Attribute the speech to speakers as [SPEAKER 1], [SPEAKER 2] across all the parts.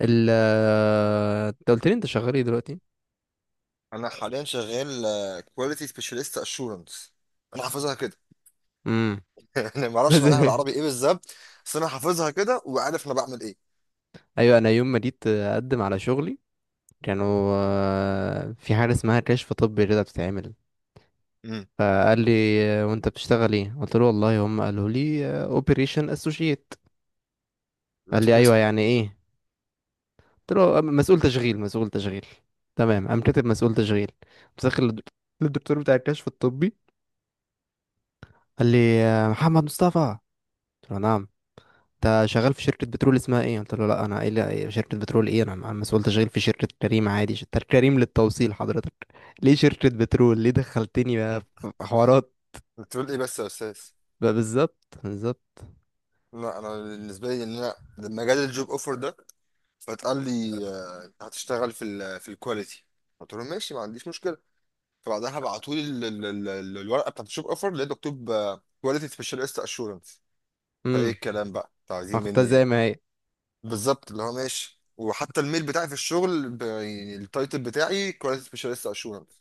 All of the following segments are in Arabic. [SPEAKER 1] ال انت قلت لي، انت شغال ايه دلوقتي؟
[SPEAKER 2] انا حاليا شغال كواليتي سبيشالست اشورنس. انا حافظها كده.
[SPEAKER 1] امم.
[SPEAKER 2] يعني ما اعرفش
[SPEAKER 1] بس
[SPEAKER 2] معناها بالعربي ايه بالظبط. بس انا حافظها كده وعارف انا بعمل ايه.
[SPEAKER 1] ايوه، انا يوم ما جيت اقدم على شغلي كانوا، في حاجه اسمها كشف طبي كده بتتعمل.
[SPEAKER 2] امم.
[SPEAKER 1] فقال لي، وانت بتشتغل ايه؟ قلت له والله هم قالوا لي اوبريشن اسوشيت. قال لي ايوه، يعني ايه؟ قلت له مسؤول تشغيل، مسؤول تشغيل". تمام، قام كاتب مسؤول تشغيل مسخر للدكتور بتاع الكشف الطبي. قال لي محمد مصطفى. قلت له نعم. انت شغال في شركة بترول اسمها ايه؟ قلت له لا، انا ايه، لا، شركة بترول ايه، انا مسؤول تشغيل في شركة كريم عادي، شركة كريم للتوصيل حضرتك. ليه شركة بترول؟ ليه دخلتني بقى في حوارات؟
[SPEAKER 2] بتقول ايه بس يا استاذ؟
[SPEAKER 1] بقى بالظبط بالظبط.
[SPEAKER 2] لا، انا بالنسبه لي ان انا لما جالي الجوب اوفر ده فاتقال لي آه، انت هتشتغل في الكواليتي. قلت لهم ماشي، ما عنديش مشكله. فبعدها بعتوا لي الورقه بتاعت الجوب اوفر، لقيت مكتوب كواليتي سبيشالست اشورنس. فايه
[SPEAKER 1] امم.
[SPEAKER 2] الكلام بقى؟ انتوا
[SPEAKER 1] انا
[SPEAKER 2] عايزين
[SPEAKER 1] خدتها
[SPEAKER 2] مني
[SPEAKER 1] زي
[SPEAKER 2] ايه؟
[SPEAKER 1] ما هي.
[SPEAKER 2] بالظبط اللي هو ماشي، وحتى الميل بتاعي في الشغل يعني التايتل بتاعي كواليتي سبيشاليست اشورنس.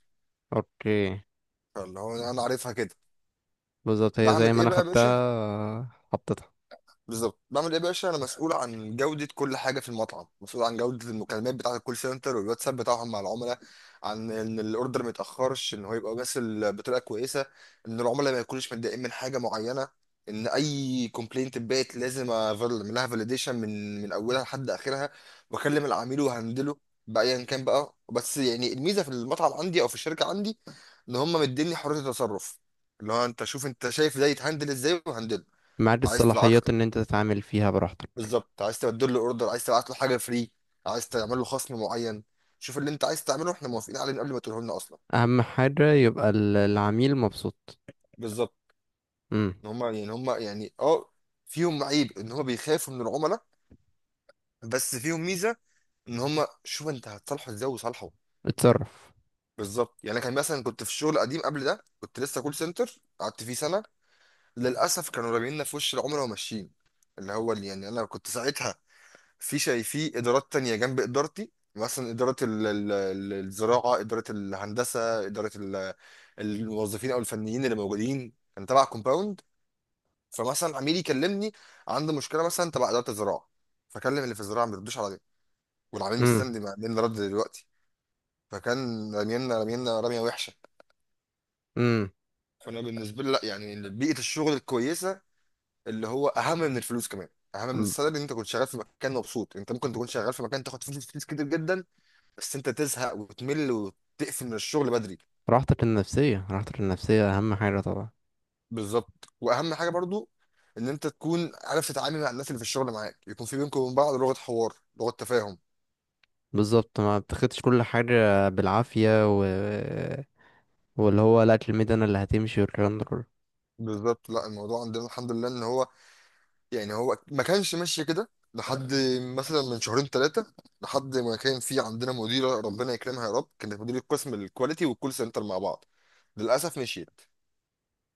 [SPEAKER 1] اوكي.
[SPEAKER 2] فاللي هو انا عارفها كده.
[SPEAKER 1] بالظبط، هي زي
[SPEAKER 2] بعمل
[SPEAKER 1] ما
[SPEAKER 2] ايه
[SPEAKER 1] انا
[SPEAKER 2] بقى يا باشا؟
[SPEAKER 1] خدتها حطيتها.
[SPEAKER 2] بالظبط بعمل ايه يا باشا؟ انا مسؤول عن جوده كل حاجه في المطعم، مسؤول عن جوده المكالمات بتاعه الكول سنتر والواتساب بتاعهم مع العملاء. عن ان الاوردر ما يتاخرش، ان هو يبقى باسل بطريقه كويسه. ان العملاء ما يكونوش متضايقين من حاجه معينه. ان اي كومبلينت اتبعت لازم اعمل لها فاليديشن من اولها لحد اخرها، واكلم العميل وهندله بايا كان بقى. بس يعني الميزه في المطعم عندي او في الشركه عندي، ان هم مديني حريه التصرف. اللي هو انت شوف، انت شايف ده يتهندل ازاي وهندله.
[SPEAKER 1] معاد
[SPEAKER 2] عايز تبعت
[SPEAKER 1] الصلاحيات ان انت تتعامل فيها براحتك.
[SPEAKER 2] بالظبط، عايز تبدل له اوردر، عايز تبعت له حاجه فري، عايز تعمل له خصم معين. شوف اللي انت عايز تعمله، احنا موافقين عليه من قبل ما تقوله لنا اصلا.
[SPEAKER 1] اهم حاجة يبقى العميل مبسوط.
[SPEAKER 2] بالظبط.
[SPEAKER 1] امم.
[SPEAKER 2] ان هم، فيهم عيب ان هم بيخافوا من العملاء. بس فيهم ميزه، ان هم شوف انت هتصالحه ازاي وصالحه.
[SPEAKER 1] اتصرف.
[SPEAKER 2] بالظبط. يعني أنا كان مثلا كنت في الشغل القديم قبل ده، كنت لسه كول سنتر قعدت فيه سنه. للاسف كانوا راجعين لنا في وش العملاء وماشيين. اللي هو اللي يعني انا كنت ساعتها في ادارات تانية جنب ادارتي، مثلا اداره الزراعه، اداره الهندسه، اداره الموظفين او الفنيين اللي موجودين كان تبع كومباوند. فمثلا عميل يكلمني عنده مشكله مثلا تبع اداره الزراعه، فكلم اللي في الزراعه ما بيردوش عليا، والعميل
[SPEAKER 1] امم.
[SPEAKER 2] مستني. مين اللي رد دلوقتي؟ فكان رمينا رميه وحشه.
[SPEAKER 1] امم.
[SPEAKER 2] فانا بالنسبه لي، لا يعني بيئه الشغل الكويسه اللي هو اهم من الفلوس كمان، اهم من السالري، ان انت كنت شغال في مكان مبسوط. انت ممكن تكون شغال في مكان تاخد فلوس كتير جدا، بس انت تزهق وتمل وتقفل من الشغل بدري.
[SPEAKER 1] راحتك النفسية، راحتك النفسية اهم حاجة طبعا.
[SPEAKER 2] بالظبط، واهم حاجه برضو ان انت تكون عارف تتعامل مع الناس اللي في الشغل معاك، يكون في بينكم وبين بعض لغه حوار، لغه تفاهم.
[SPEAKER 1] بالظبط، ما بتاخدش كل حاجة بالعافية. و... واللي هو لا، الميد انا اللي هتمشي والكلام ده كله.
[SPEAKER 2] بالظبط. لا الموضوع عندنا الحمد لله ان هو، يعني هو ما كانش ماشي كده لحد مثلا من شهرين ثلاثه. لحد ما كان في عندنا مديره، ربنا يكرمها يا رب، كانت مديره قسم الكواليتي والكول سنتر مع بعض. للاسف مشيت.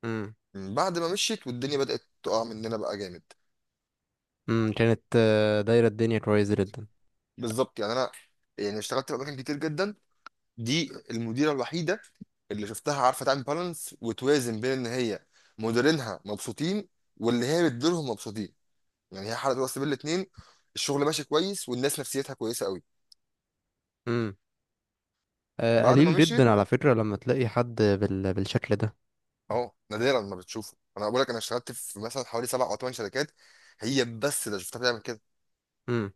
[SPEAKER 1] امم.
[SPEAKER 2] من بعد ما مشيت والدنيا بدات تقع مننا بقى جامد.
[SPEAKER 1] امم، كانت دايرة الدنيا كويسة جدا.
[SPEAKER 2] بالظبط. يعني انا يعني اشتغلت في اماكن كتير جدا، دي المديره الوحيده اللي شفتها عارفه تعمل بالانس وتوازن بين ان هي مديرينها مبسوطين واللي هي بتديرهم مبسوطين. يعني هي حلقت راس بين الاتنين. الشغل ماشي كويس والناس نفسيتها كويسه قوي.
[SPEAKER 1] امم.
[SPEAKER 2] بعد ما
[SPEAKER 1] قليل
[SPEAKER 2] مشيت،
[SPEAKER 1] جدا على فكرة لما تلاقي حد بالشكل ده.
[SPEAKER 2] اهو نادرا ما بتشوفه. انا بقول لك، انا اشتغلت في مثلا حوالي سبع او ثمان شركات، هي بس اللي شفتها بتعمل كده.
[SPEAKER 1] امم.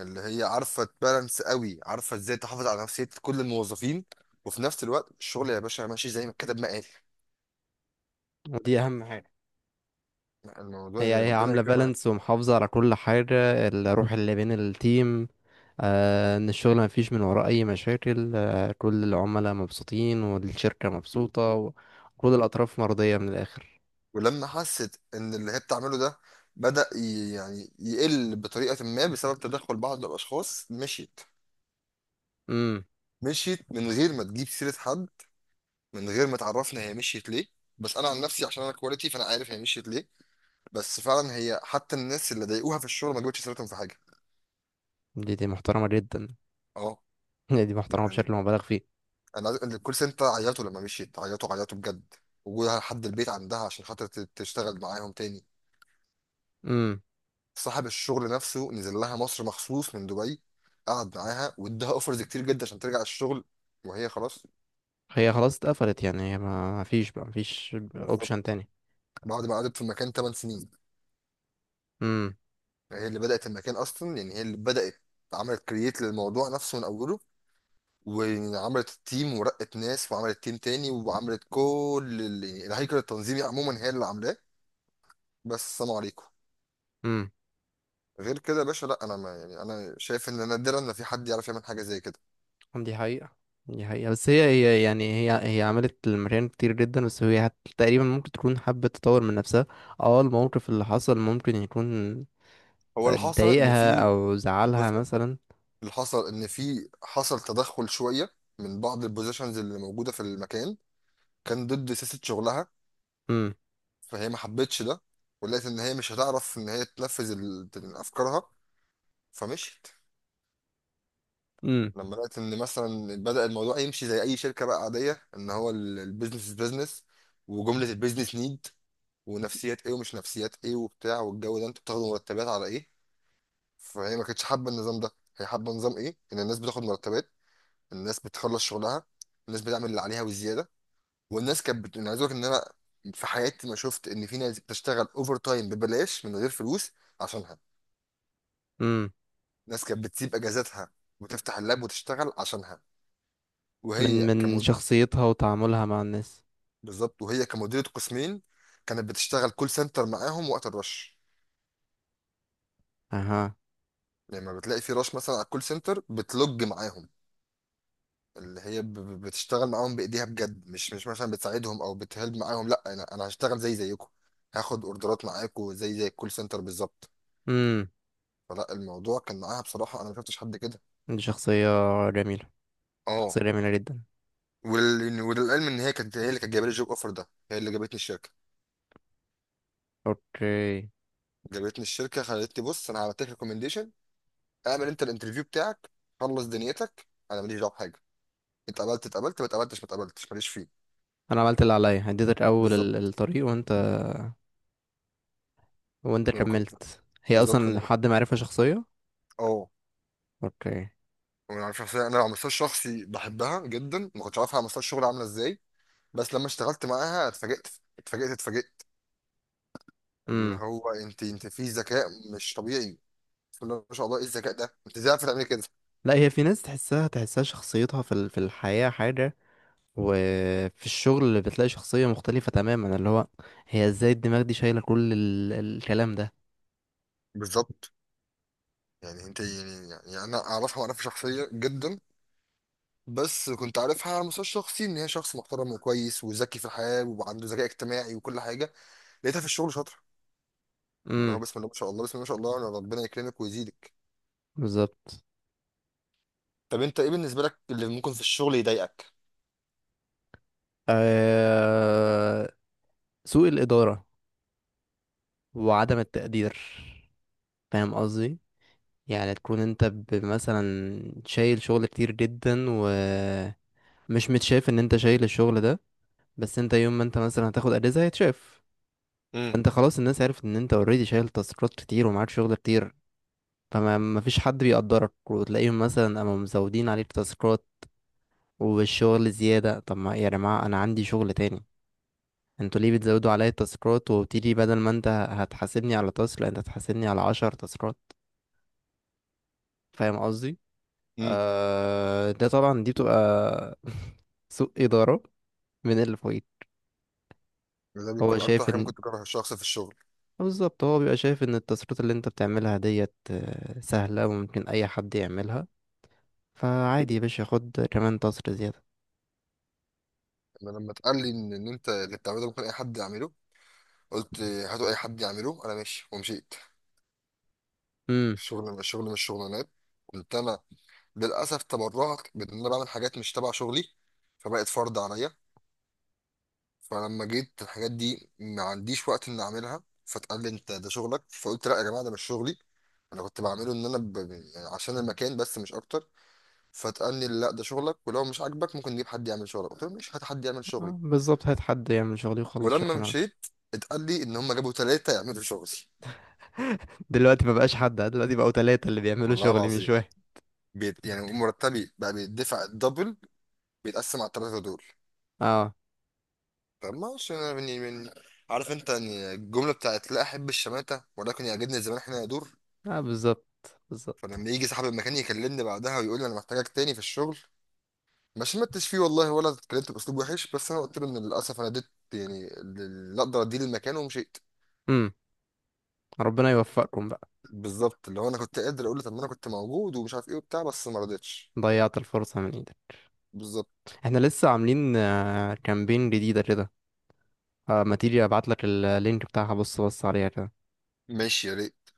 [SPEAKER 2] اللي هي عارفه تبالانس قوي، عارفه ازاي تحافظ على نفسيه كل الموظفين، وفي نفس الوقت الشغل يا باشا ماشي زي ما الكتاب ما قال.
[SPEAKER 1] ودي اهم حاجة.
[SPEAKER 2] الموضوع
[SPEAKER 1] هي
[SPEAKER 2] يعني
[SPEAKER 1] هي
[SPEAKER 2] ربنا
[SPEAKER 1] عاملة
[SPEAKER 2] يكرمها.
[SPEAKER 1] بالانس ومحافظة على كل حاجة، الروح اللي بين التيم. ان الشغل ما فيش من وراه اي مشاكل، كل العملاء مبسوطين والشركة مبسوطة وكل الاطراف مرضية من الاخر.
[SPEAKER 2] ولما حست ان اللي هي بتعمله ده بدأ يعني يقل بطريقة ما بسبب تدخل بعض الأشخاص، مشيت.
[SPEAKER 1] امم.
[SPEAKER 2] مشيت من غير ما تجيب سيرة حد، من غير ما تعرفنا هي مشيت ليه. بس أنا عن نفسي عشان أنا كواليتي فأنا عارف هي مشيت ليه. بس فعلا هي، حتى الناس اللي ضايقوها في الشغل، ما جابتش سيرتهم في حاجة.
[SPEAKER 1] دي محترمة جدا.
[SPEAKER 2] اه
[SPEAKER 1] دي محترمة
[SPEAKER 2] يعني،
[SPEAKER 1] بشكل مبالغ فيه.
[SPEAKER 2] أنا الكول سنتر عيطوا لما مشيت، عيطوا عيطوا بجد. وجودها لحد البيت عندها عشان خاطر تشتغل معاهم تاني.
[SPEAKER 1] امم.
[SPEAKER 2] صاحب الشغل نفسه نزل لها مصر مخصوص من دبي، قعد معاها واداها اوفرز كتير جدا عشان ترجع الشغل، وهي خلاص.
[SPEAKER 1] هي خلاص اتقفلت، يعني هي ما فيش بقى، ما فيش اوبشن
[SPEAKER 2] بالظبط.
[SPEAKER 1] تاني.
[SPEAKER 2] بعد ما قعدت في المكان 8 سنين،
[SPEAKER 1] امم.
[SPEAKER 2] هي اللي بدأت المكان اصلا، يعني هي اللي بدأت. عملت كرييت للموضوع نفسه من اوله، وعملت التيم ورقت ناس وعملت تيم تاني وعملت كل يعني الهيكل التنظيمي عموما هي اللي عاملاه. بس السلام عليكم.
[SPEAKER 1] امم.
[SPEAKER 2] غير كده يا باشا، لا انا ما يعني انا شايف ان نادرا ان في حد يعرف يعمل حاجه زي كده.
[SPEAKER 1] دي حقيقة. دي حقيقة، بس هي يعني هي. هي عملت المريان كتير جدا، بس تقريبا ممكن تكون حبت تطور من نفسها. اه الموقف اللي حصل ممكن يكون
[SPEAKER 2] هو اللي حصل ان
[SPEAKER 1] ضايقها
[SPEAKER 2] في
[SPEAKER 1] او زعلها
[SPEAKER 2] بص،
[SPEAKER 1] مثلا.
[SPEAKER 2] اللي حصل ان في حصل تدخل شويه من بعض البوزيشنز اللي موجوده في المكان، كان ضد سياسه شغلها.
[SPEAKER 1] امم.
[SPEAKER 2] فهي ما حبتش ده، ولقيت ان هي مش هتعرف ان هي تنفذ افكارها، فمشيت.
[SPEAKER 1] امم.
[SPEAKER 2] لما لقيت ان مثلا بدأ الموضوع يمشي زي اي شركه بقى عاديه، ان هو البيزنس بيزنس، وجمله البيزنس نيد، ونفسيات ايه ومش نفسيات ايه وبتاع، والجو ده انتوا بتاخدوا مرتبات على ايه؟ فهي ما كانتش حابه النظام ده. هي حابه نظام ايه؟ ان الناس بتاخد مرتبات، الناس بتخلص شغلها، الناس بتعمل اللي عليها والزياده. انا عايز اقول لك ان انا في حياتي ما شفت ان في ناس بتشتغل اوفر تايم ببلاش من غير فلوس عشانها.
[SPEAKER 1] امم.
[SPEAKER 2] ناس كانت بتسيب اجازاتها وتفتح اللاب وتشتغل عشانها.
[SPEAKER 1] من
[SPEAKER 2] وهي
[SPEAKER 1] من
[SPEAKER 2] كمد...
[SPEAKER 1] شخصيتها وتعاملها مع الناس.
[SPEAKER 2] بالظبط، وهي كمديرة قسمين كانت بتشتغل كول سنتر معاهم وقت الرش.
[SPEAKER 1] اها.
[SPEAKER 2] لما بتلاقي في رش مثلا على الكول سنتر بتلوج معاهم. اللي هي بتشتغل معاهم بايديها بجد، مش مثلا بتساعدهم او بتهلب معاهم. لا، انا هشتغل زيكم، هاخد اوردرات معاكم زي الكول سنتر بالظبط.
[SPEAKER 1] امم.
[SPEAKER 2] فلا الموضوع كان معاها بصراحة، انا ما شفتش حد كده.
[SPEAKER 1] دي شخصية جميلة.
[SPEAKER 2] اه.
[SPEAKER 1] شخصية جميلة جدا.
[SPEAKER 2] وللعلم ان هي كانت هي اللي كانت جايبه لي الجوب اوفر ده، هي اللي جابتني الشركه.
[SPEAKER 1] اوكي.
[SPEAKER 2] جابتني الشركه خلتني بص، انا عملت لك ريكومنديشن، اعمل انت الانترفيو بتاعك، خلص دنيتك، انا ماليش دعوه بحاجه. اتقبلت اتقبلت، ما اتقبلتش ما اتقبلتش، ماليش فيه.
[SPEAKER 1] انا عملت اللي عليا، اديتك اول
[SPEAKER 2] بالظبط.
[SPEAKER 1] الطريق، وانت، وانت
[SPEAKER 2] لما كنت
[SPEAKER 1] كملت. هي
[SPEAKER 2] لما
[SPEAKER 1] اصلا
[SPEAKER 2] كنت،
[SPEAKER 1] حد معرفة شخصية.
[SPEAKER 2] اه
[SPEAKER 1] اوكي.
[SPEAKER 2] وانا على شخصيه، انا على مستوى الشخصي بحبها جدا، ما كنتش عارفها على مستوى الشغل عامله ازاي. بس لما اشتغلت معاها اتفاجئت، اتفاجئت اتفاجئت. اللي
[SPEAKER 1] امم.
[SPEAKER 2] هو انت في ذكاء مش طبيعي. بسم الله ما شاء الله، ايه الذكاء ده؟ انت ازاي عارفه تعملي كده؟
[SPEAKER 1] لا، هي في ناس تحسها تحسها، شخصيتها في في الحياة حاجة، وفي الشغل اللي بتلاقي شخصية مختلفة تماما، اللي هو هي ازاي الدماغ دي شايلة كل الكلام ده.
[SPEAKER 2] بالظبط. يعني انت، يعني انا اعرفها واعرفها شخصيا جدا. بس كنت عارفها على المستوى الشخصي ان هي شخص محترم وكويس وذكي في الحياه وعنده ذكاء اجتماعي وكل حاجه. لقيتها في الشغل شاطره. اللي هو
[SPEAKER 1] امم.
[SPEAKER 2] بسم الله ما شاء الله، بسم الله ما شاء الله، انا ربنا يكرمك ويزيدك.
[SPEAKER 1] بالظبط.
[SPEAKER 2] طب انت ايه بالنسبه لك اللي ممكن في الشغل يضايقك؟
[SPEAKER 1] أه... سوء الإدارة وعدم التقدير. فاهم قصدي؟ يعني تكون انت مثلا شايل شغل كتير جدا، ومش متشاف ان انت شايل الشغل ده، بس انت يوم ما انت مثلا هتاخد اجازة هيتشاف.
[SPEAKER 2] امم،
[SPEAKER 1] فانت خلاص الناس عرفت ان انت اوريدي شايل تاسكات كتير ومعاك شغل كتير. فما مفيش حد بيقدرك، وتلاقيهم مثلا قاموا مزودين عليك تاسكات والشغل زيادة. طب ما يا جماعة انا عندي شغل تاني، انتوا ليه بتزودوا عليا التاسكات؟ وبتيجي بدل ما انت هتحاسبني على تاسك، لا، انت هتحاسبني على 10 تاسكات. فاهم قصدي؟
[SPEAKER 2] امم.
[SPEAKER 1] ده طبعا، دي بتبقى سوء إدارة من اللي فوقيك.
[SPEAKER 2] ده
[SPEAKER 1] هو
[SPEAKER 2] بيكون اكتر
[SPEAKER 1] شايف
[SPEAKER 2] حاجه
[SPEAKER 1] ان،
[SPEAKER 2] ممكن تكرهها الشخص في الشغل.
[SPEAKER 1] بالظبط، هو بيبقى شايف ان التصريفات اللي انت بتعملها ديت سهلة وممكن أي حد يعملها. فعادي يا باشا، خد كمان تصرف زيادة.
[SPEAKER 2] انا لما اتقال لي ان انت اللي بتعمله ده ممكن اي حد يعمله، قلت هاتوا اي حد يعمله، انا ماشي، ومشيت.
[SPEAKER 1] امم.
[SPEAKER 2] الشغل الشغل مش شغلانات. قلت انا، للأسف تبرعت بإن أنا بعمل حاجات مش تبع شغلي، فبقت فرض عليا. فلما جيت الحاجات دي ما عنديش وقت إن أعملها، فاتقال لي أنت ده شغلك، فقلت لا يا جماعة ده مش شغلي. أنا كنت بعمله إن أنا يعني عشان المكان بس مش أكتر. فاتقال لي لا ده شغلك، ولو مش عاجبك ممكن نجيب حد يعمل شغلك، قلت له مش، هات حد يعمل شغلي.
[SPEAKER 1] بالظبط، هات حد يعمل شغلي وخلص شغل
[SPEAKER 2] ولما
[SPEAKER 1] انا.
[SPEAKER 2] مشيت اتقال لي إن هم جابوا ثلاثة يعملوا شغلي.
[SPEAKER 1] دلوقتي مبقاش حد، دلوقتي بقوا تلاتة اللي بيعملوا
[SPEAKER 2] والله
[SPEAKER 1] شغلي مش
[SPEAKER 2] العظيم.
[SPEAKER 1] واحد.
[SPEAKER 2] يعني مرتبي بقى بيدفع الدبل، بيتقسم على الثلاثة دول.
[SPEAKER 1] اه.
[SPEAKER 2] طب ما هوش، أنا من عارف انت يعني الجمله بتاعت لا احب الشماته ولكن يعجبني الزمان احنا يدور.
[SPEAKER 1] اه، بالظبط. بالظبط.
[SPEAKER 2] فلما يجي صاحب المكان يكلمني بعدها ويقول لي انا محتاجك تاني في الشغل، ما شمتش فيه والله ولا اتكلمت باسلوب وحش، بس انا قلت له ان للاسف انا اديت يعني اللي اقدر اديه للمكان ومشيت.
[SPEAKER 1] امم. ربنا يوفقكم بقى.
[SPEAKER 2] بالظبط، اللي هو انا كنت قادر اقول له طب ما انا كنت موجود ومش عارف ايه وبتاع، بس ما رضيتش.
[SPEAKER 1] ضيعت الفرصة من ايدك.
[SPEAKER 2] بالظبط،
[SPEAKER 1] احنا لسه عاملين كامبين جديدة كده. ما تيجي ابعت لك اللينك بتاعها، بص بص عليها كده.
[SPEAKER 2] ماشي يا ريت.